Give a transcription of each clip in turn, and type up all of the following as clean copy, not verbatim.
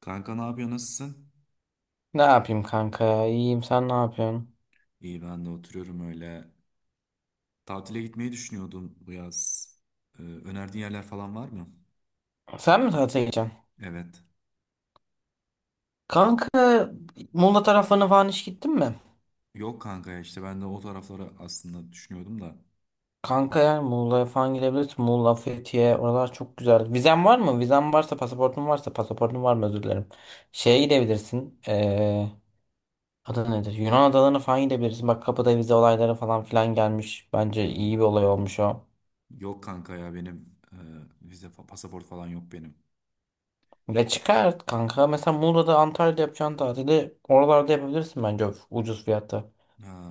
Kanka ne yapıyor, nasılsın? Ne yapayım kanka ya? İyiyim sen ne yapıyorsun? İyi, ben de oturuyorum öyle. Tatile gitmeyi düşünüyordum bu yaz. Önerdiğin yerler falan var mı? Sen mi tatile gideceksin? Evet. Kanka Muğla taraflarına falan hiç gittin mi? Yok kanka ya, işte ben de o tarafları aslında düşünüyordum da. Kanka yani Muğla'ya falan gidebilirsin. Muğla, Fethiye oralar çok güzel. Vizen var mı? Vizen varsa pasaportun varsa pasaportun var mı özür dilerim. Şeye gidebilirsin. Adı nedir? Yunan adalarına falan gidebilirsin. Bak kapıda vize olayları falan filan gelmiş. Bence iyi Hmm. bir olay olmuş o. Yok kanka ya, benim vize fa- pasaport falan yok benim. ve çıkar kanka. Mesela Muğla'da Antalya'da yapacağın tatili oralarda yapabilirsin bence ucuz fiyata.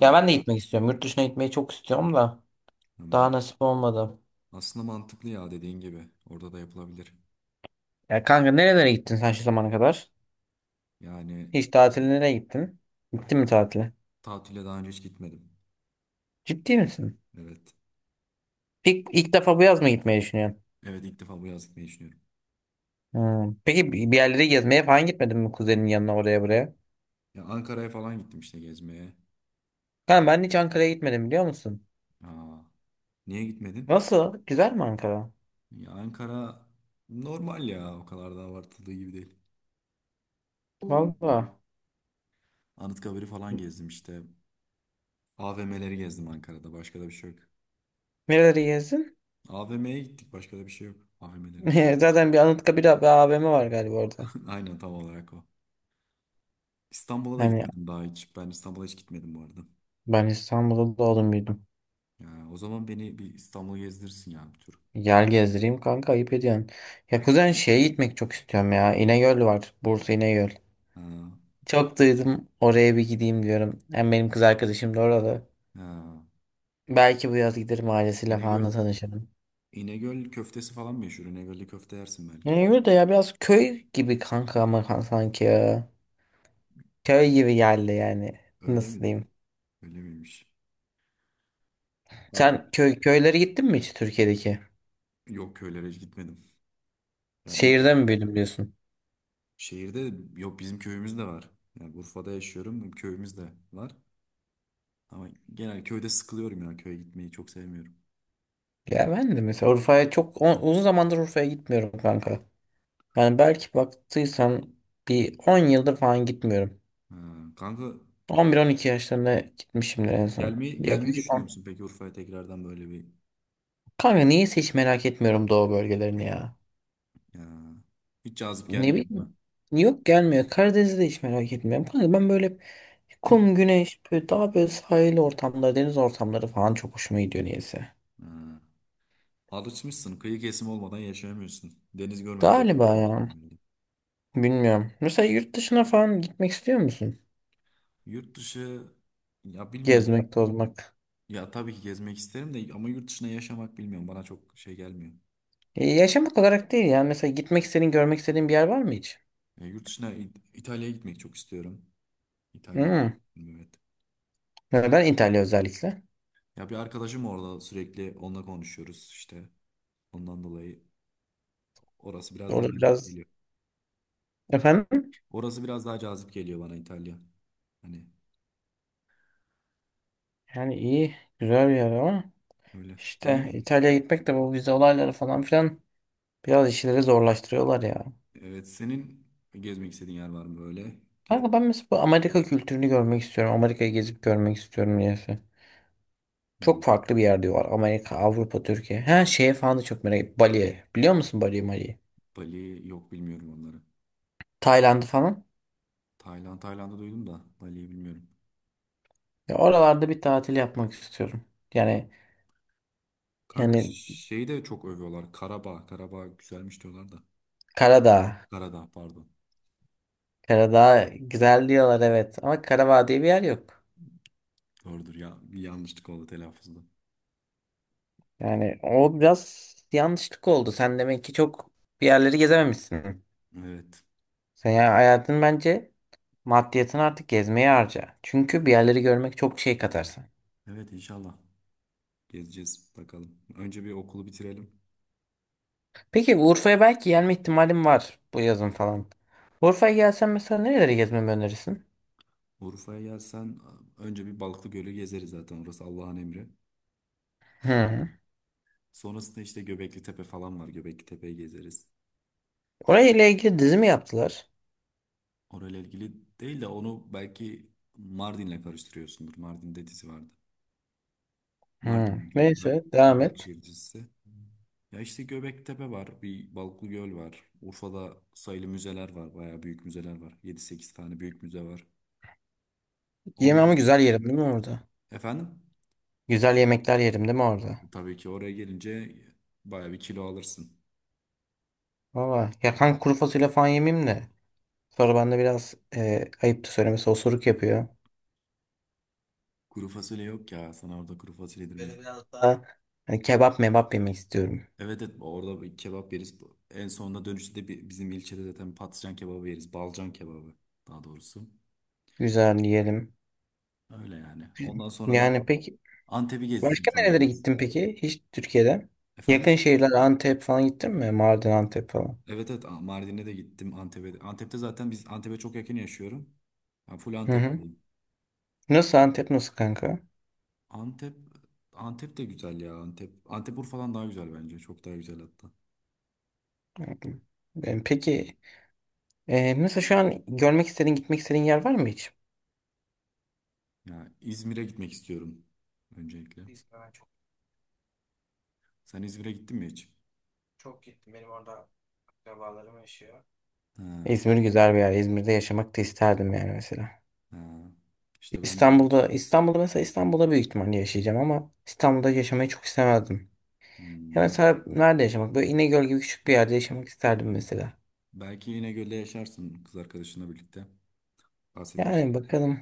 Ya ben de gitmek istiyorum. Yurt dışına gitmeyi çok istiyorum da ben, daha nasip olmadı. aslında mantıklı ya dediğin gibi. Orada da yapılabilir. Ya kanka nerelere gittin sen şu zamana kadar? Yani Hiç tatile nereye gittin? Gittin mi tatile? tatile daha önce hiç gitmedim. Ciddi misin? Evet. İlk defa bu yaz mı gitmeyi düşünüyorsun? Evet, ilk defa bu yaz gitmeyi düşünüyorum. Hmm. Peki bir yerlere gezmeye falan gitmedin mi kuzenin yanına oraya buraya? Ya Ankara'ya falan gittim işte gezmeye. Kanka ben hiç Ankara'ya gitmedim biliyor musun? Aa, niye gitmedin? Nasıl? Güzel mi Ankara? Ya Ankara normal ya, o kadar da abartıldığı gibi değil. Valla. Anıtkabir'i falan gezdim işte. AVM'leri gezdim, Ankara'da başka da bir şey yok. Nereleri gezdin? AVM'ye gittik, başka da bir şey yok. AVM'leri. Zaten bir Anıtkabir bir AVM var galiba orada. Aynen, tam olarak o. İstanbul'a da Hani gitmedim daha hiç. Ben İstanbul'a hiç gitmedim bu arada. ben İstanbul'da doğdum büyüdüm. Ya, o zaman beni bir İstanbul'u gezdirsin ya, bir tur. Yer gezdireyim kanka ayıp ediyorsun. Ya kuzen şeye gitmek çok istiyorum ya. İnegöl var. Bursa İnegöl. Ha, Çok duydum oraya bir gideyim diyorum. Hem benim kız arkadaşım da orada. ha. Belki bu yaz giderim ailesiyle falan da İnegöl, tanışırım. İnegöl köftesi falan meşhur. İnegöl'de köfte yersin belki. İnegöl de ya biraz köy gibi kanka ama sanki ya. Köy gibi geldi yani. Öyle Nasıl mi? diyeyim? Öyle miymiş? Artık Sen köylere gittin mi hiç Türkiye'deki? yok, köylere hiç gitmedim. Ya Şehirde mi büyüdüm diyorsun? şehirde de- yok, bizim köyümüz de var. Yani Urfa'da yaşıyorum. Köyümüz de var. Ama genel köyde sıkılıyorum ya. Köye gitmeyi çok sevmiyorum. Ya ben de mesela Urfa'ya çok uzun zamandır Urfa'ya gitmiyorum kanka. Yani belki baktıysan bir 10 yıldır falan gitmiyorum. Ha, kanka, 11 12 yaşlarında gitmişimdir en son. gelmeyi Yaklaşık düşünüyor 10. musun peki Urfa'ya tekrardan böyle bir Kanka niyeyse hiç merak etmiyorum doğu bölgelerini ya. ya, hiç cazip Ne gelmiyor değil mi? bileyim. Yok gelmiyor. Karadeniz'i de hiç merak etmiyorum. Kanka ben böyle hep kum, güneş, böyle daha böyle sahil ortamları, deniz ortamları falan çok hoşuma gidiyor niyeyse. Ha, alışmışsın. Kıyı kesimi olmadan yaşayamıyorsun. Deniz görmeden Galiba yaşayamıyorsun ya. herhalde. Bilmiyorum. Mesela yurt dışına falan gitmek istiyor musun? Yurt dışı ya, bilmiyorum. Gezmek, tozmak. Ya tabii ki gezmek isterim de ama yurt dışına yaşamak bilmiyorum. Bana çok şey gelmiyor. Yaşamak olarak değil ya. Mesela gitmek istediğin, görmek istediğin bir yer var mı hiç? Ya, yurt dışına İ- İtalya'ya gitmek çok istiyorum. İtalya. Hmm. Evet. Neden İtalya özellikle? Ya bir arkadaşım orada, sürekli onunla konuşuyoruz işte. Ondan dolayı orası biraz daha Orada cazip biraz geliyor. efendim Orası biraz daha cazip geliyor bana İtalya. Hani yani iyi güzel bir yer ama öyle. işte Senin İtalya'ya gitmek de bu vize olayları falan filan biraz işleri zorlaştırıyorlar ya. evet, senin gezmek istediğin yer var mı böyle? Gidip Kanka ben mesela bu Amerika kültürünü görmek istiyorum. Amerika'yı gezip görmek istiyorum niyeyse. Çok hmm, farklı bir yer diyorlar. Amerika, Avrupa, Türkiye. Her şeye falan da çok merak ediyorum. Bali'ye. Biliyor musun Bali'yi, Mali'yi? Bali yok, bilmiyorum onları. Tayland'ı falan. Tayland, Tayland'ı duydum da Bali'yi bilmiyorum. Ya oralarda bir tatil yapmak istiyorum. Yani Kanka yani şeyi de çok övüyorlar. Karabağ. Karabağ güzelmiş diyorlar da. Karadağ. Karadağ pardon. Karadağ güzel diyorlar evet. Ama Karadağ diye bir yer yok. Doğrudur ya. Bir yanlışlık oldu telaffuzda. Yani o biraz yanlışlık oldu. Sen demek ki çok bir yerleri gezememişsin. Evet. Sen ya hayatın bence maddiyatını artık gezmeye harca. Çünkü bir yerleri görmek çok şey katarsın. Evet, inşallah. Gezeceğiz bakalım. Önce bir okulu bitirelim. Peki Urfa'ya belki gelme ihtimalim var bu yazın falan. Urfa'ya gelsen mesela nereleri gezmemi önerirsin? Urfa'ya gelsen önce bir Balıklıgöl'ü gezeriz, zaten orası Allah'ın emri. Hı. Sonrasında işte Göbekli Tepe falan var. Göbekli Tepe'yi gezeriz. Orayla ile ilgili dizi mi yaptılar? Orayla ilgili değil de, onu belki Mardin'le karıştırıyorsundur. Mardin'de dizi vardı. Hı. Mardin diye uzak, Neyse devam uzak et. şehir dizisi. Ya işte Göbekli Tepe var. Bir Balıklıgöl var. Urfa'da sayılı müzeler var. Bayağı büyük müzeler var. 7-8 tane büyük müze var. Yeme Onlar... ama güzel yerim değil mi orada? Efendim? Güzel yemekler yerim değil mi orada? Tabii ki oraya gelince bayağı bir kilo alırsın. Valla yakan kuru fasulye falan yemeyeyim de. Sonra bende biraz ayıp da söylemesi osuruk yapıyor. Kuru fasulye yok ya. Sana orada kuru fasulye yedirmeyiz. Böyle biraz daha hani kebap mebap yemek istiyorum. Evet, evet, orada bir kebap yeriz. En sonunda dönüşte de bi- bizim ilçede zaten patlıcan kebabı yeriz. Balcan kebabı daha doğrusu. Güzel yiyelim. Öyle yani. Ondan sonra da Yani peki Antep'i gezdiririm başka sana nerelere biraz. gittin peki? Hiç Türkiye'de. Yakın Efendim? şehirler Antep falan gittin mi? Mardin, Antep falan. Evet, evet, A- Mardin'e de gittim, Antep'e. De- Antep'te zaten biz, Antep'e çok yakın yaşıyorum. Ben full Hı hı. Antep'teyim. Nasıl Antep nasıl kanka? Antep Antep de güzel ya Antep. Antep Urfa'dan daha güzel bence. Çok daha güzel hatta. Hı. Peki, nasıl şu an görmek istediğin gitmek istediğin yer var mı hiç? Ya İzmir'e gitmek istiyorum öncelikle. Ben çok Sen İzmir'e gittin mi hiç? çok gittim. Benim orada akrabalarım yaşıyor. Ha. İzmir güzel bir yer. İzmir'de yaşamak da isterdim yani mesela. Ha, işte ben de İstanbul'da mesela İstanbul'da büyük ihtimalle yaşayacağım ama İstanbul'da yaşamayı çok istemezdim. Ya hmm. mesela nerede yaşamak? Böyle İnegöl gibi küçük bir yerde yaşamak isterdim mesela. Belki yine gölde yaşarsın kız arkadaşınla birlikte. Bahsetmiştim. Yani bakalım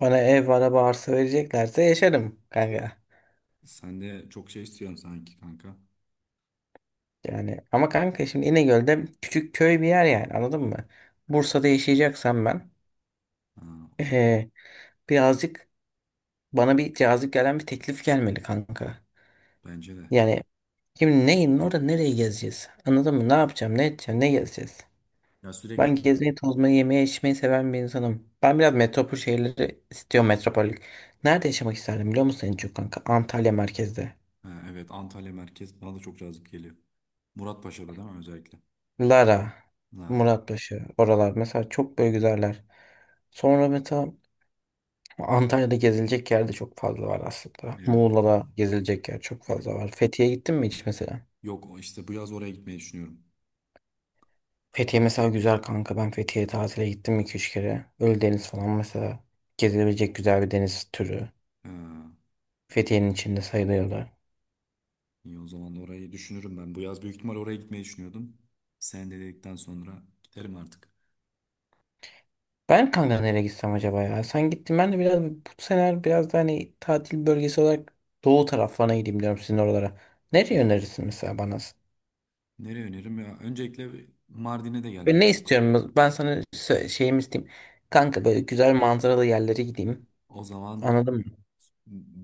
bana ev, araba, arsa vereceklerse yaşarım kanka. Sen de çok şey istiyorsun sanki kanka. Yani ama kanka şimdi İnegöl'de küçük köy bir yer yani anladın mı? Bursa'da yaşayacaksam ben Ha, eee, birazcık bana bir cazip gelen bir teklif gelmeli kanka. bence de. Yani şimdi neyin orada nereye gezeceğiz? Anladın mı? Ne yapacağım, ne edeceğim, ne gezeceğiz? Ya sürekli Ben gezmeyi, tozmayı, yemeği, içmeyi seven bir insanım. Ben biraz metropol şehirleri istiyorum metropolik. Nerede yaşamak isterdim biliyor musun en çok kanka? Antalya merkezde. ha, evet, Antalya merkez bana da çok cazip geliyor. Muratpaşa'da değil mi özellikle? Lara, Lara. Muratpaşa, oralar mesela çok böyle güzeller. Sonra mesela Antalya'da gezilecek yer de çok fazla var aslında. Evet. Muğla'da gezilecek yer çok fazla var. Fethiye'ye gittin mi hiç mesela? Yok, o işte bu yaz oraya gitmeyi düşünüyorum. Fethiye mesela güzel kanka. Ben Fethiye'ye tatile gittim 2-3 kere. Ölüdeniz falan mesela gezilebilecek güzel bir deniz türü. Ha, Fethiye'nin içinde sayılıyorlar. iyi, o zaman orayı düşünürüm ben. Bu yaz büyük ihtimal oraya gitmeyi düşünüyordum. Sen de dedikten sonra giderim artık. Ben kanka nereye gitsem acaba ya? Sen gittin ben de biraz bu sene biraz da hani tatil bölgesi olarak doğu taraflarına gideyim diyorum sizin oralara. Nereye önerirsin mesela bana? Nereye öneririm ya? Öncelikle bir Mardin'e de Ve gelmeli. ne istiyorum? Ben sana sö- şeyimi isteyeyim. Kanka böyle güzel manzaralı yerlere gideyim. O zaman Anladın mı?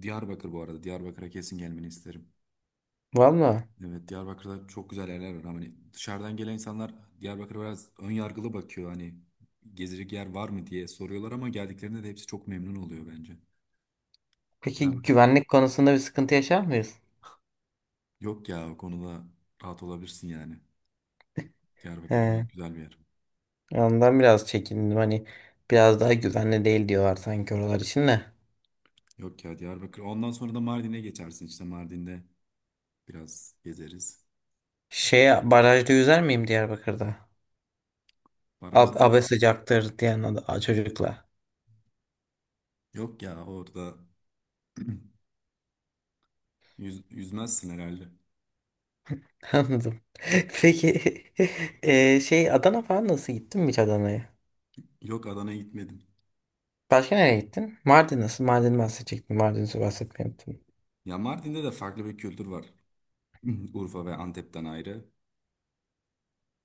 Diyarbakır bu arada. Diyarbakır'a kesin gelmeni isterim. Valla. Evet, Diyarbakır'da çok güzel yerler var. Hani dışarıdan gelen insanlar Diyarbakır'a biraz ön yargılı bakıyor. Hani gezecek yer var mı diye soruyorlar, ama geldiklerinde de hepsi çok memnun oluyor bence. Peki Diyarbakır. güvenlik konusunda bir sıkıntı yaşar mıyız? Yok ya, o konuda rahat olabilirsin yani. Diyarbakır He. gayet güzel bir yer. Ondan biraz çekindim. Hani biraz daha güvenli değil diyorlar sanki oralar için de. Yok ya, Diyarbakır. Ondan sonra da Mardin'e geçersin. İşte Mardin'de biraz gezeriz. Şeye barajda yüzer miyim Diyarbakır'da? Ab Barajlar. abe sıcaktır diyen ad- a- çocukla. Yok ya, orada yüzmezsin herhalde. Anladım. Peki şey Adana falan nasıl gittin mi hiç Adana'ya? Yok, Adana'ya gitmedim. Başka nereye gittin? Mardin nasıl? Mardin bahsedecektim. Mardin'i bahsetmeyi unuttum. Ya Mardin'de de farklı bir kültür var. Urfa ve Antep'ten ayrı.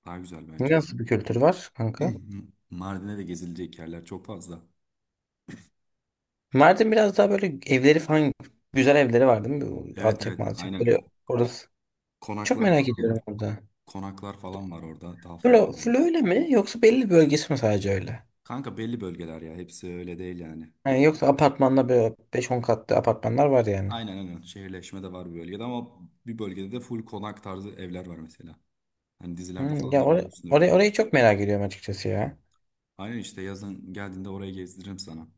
Daha güzel bence. Mar- Nasıl bir kültür var kanka? Mardin'de de gezilecek yerler çok fazla. Mardin biraz daha böyle evleri falan güzel evleri var değil mi? Bu Evet, Alçak evet, malçak aynen, böyle Ko- orası. Çok konaklar merak falan var. ediyorum orada. Konaklar falan var orada, daha Böyle farklı yani. full öyle mi yoksa belli bir bölgesi mi sadece öyle? Kanka belli bölgeler ya, hepsi öyle değil yani. Yani yoksa apartmanda böyle beş on katlı apartmanlar var yani. Aynen, aynen, şehirleşme de var bir bölgede, ama bir bölgede de full konak tarzı evler var mesela. Hani dizilerde Hmm, falan ya da görmüşsündür bu. Orayı çok merak ediyorum açıkçası ya. Aynen, işte yazın geldiğinde orayı gezdiririm sana.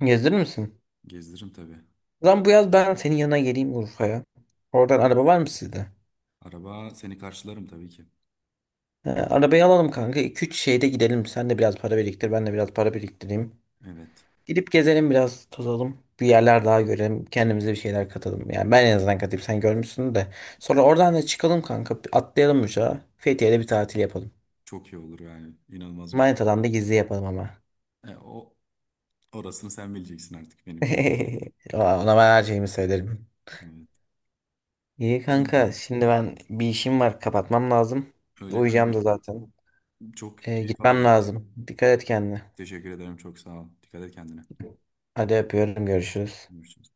Gezdirir misin? Gezdiririm tabii. Lan bu yaz ben senin yanına geleyim Urfa'ya. Oradan araba var mı sizde? Araba, seni karşılarım tabii ki. He, arabayı alalım kanka. 2-3 şeyde gidelim. Sen de biraz para biriktir. Ben de biraz para biriktireyim. Evet. Gidip gezelim biraz tozalım. Bir yerler daha görelim. Kendimize bir şeyler katalım. Yani ben en azından katayım. Sen görmüşsün de. Sonra oradan da çıkalım kanka. Bir Atlayalım uçağa. Fethiye'de bir tatil yapalım. Çok iyi olur yani. İnanılmaz bir film. Manitadan da gizli yapalım ama. O orasını sen bileceksin artık, benim çünkü. Aa, Ona ben her şeyimi söylerim. Evet. İyi Öyle. kanka. Şimdi ben bir işim var. Kapatmam lazım. Öyle kanka. Uyuyacağım da zaten. Çok keyif Gitmem aldım. lazım. Dikkat et kendine. Teşekkür ederim. Çok sağ ol. Dikkat et kendine. Hadi öpüyorum. Görüşürüz. Görüşürüz.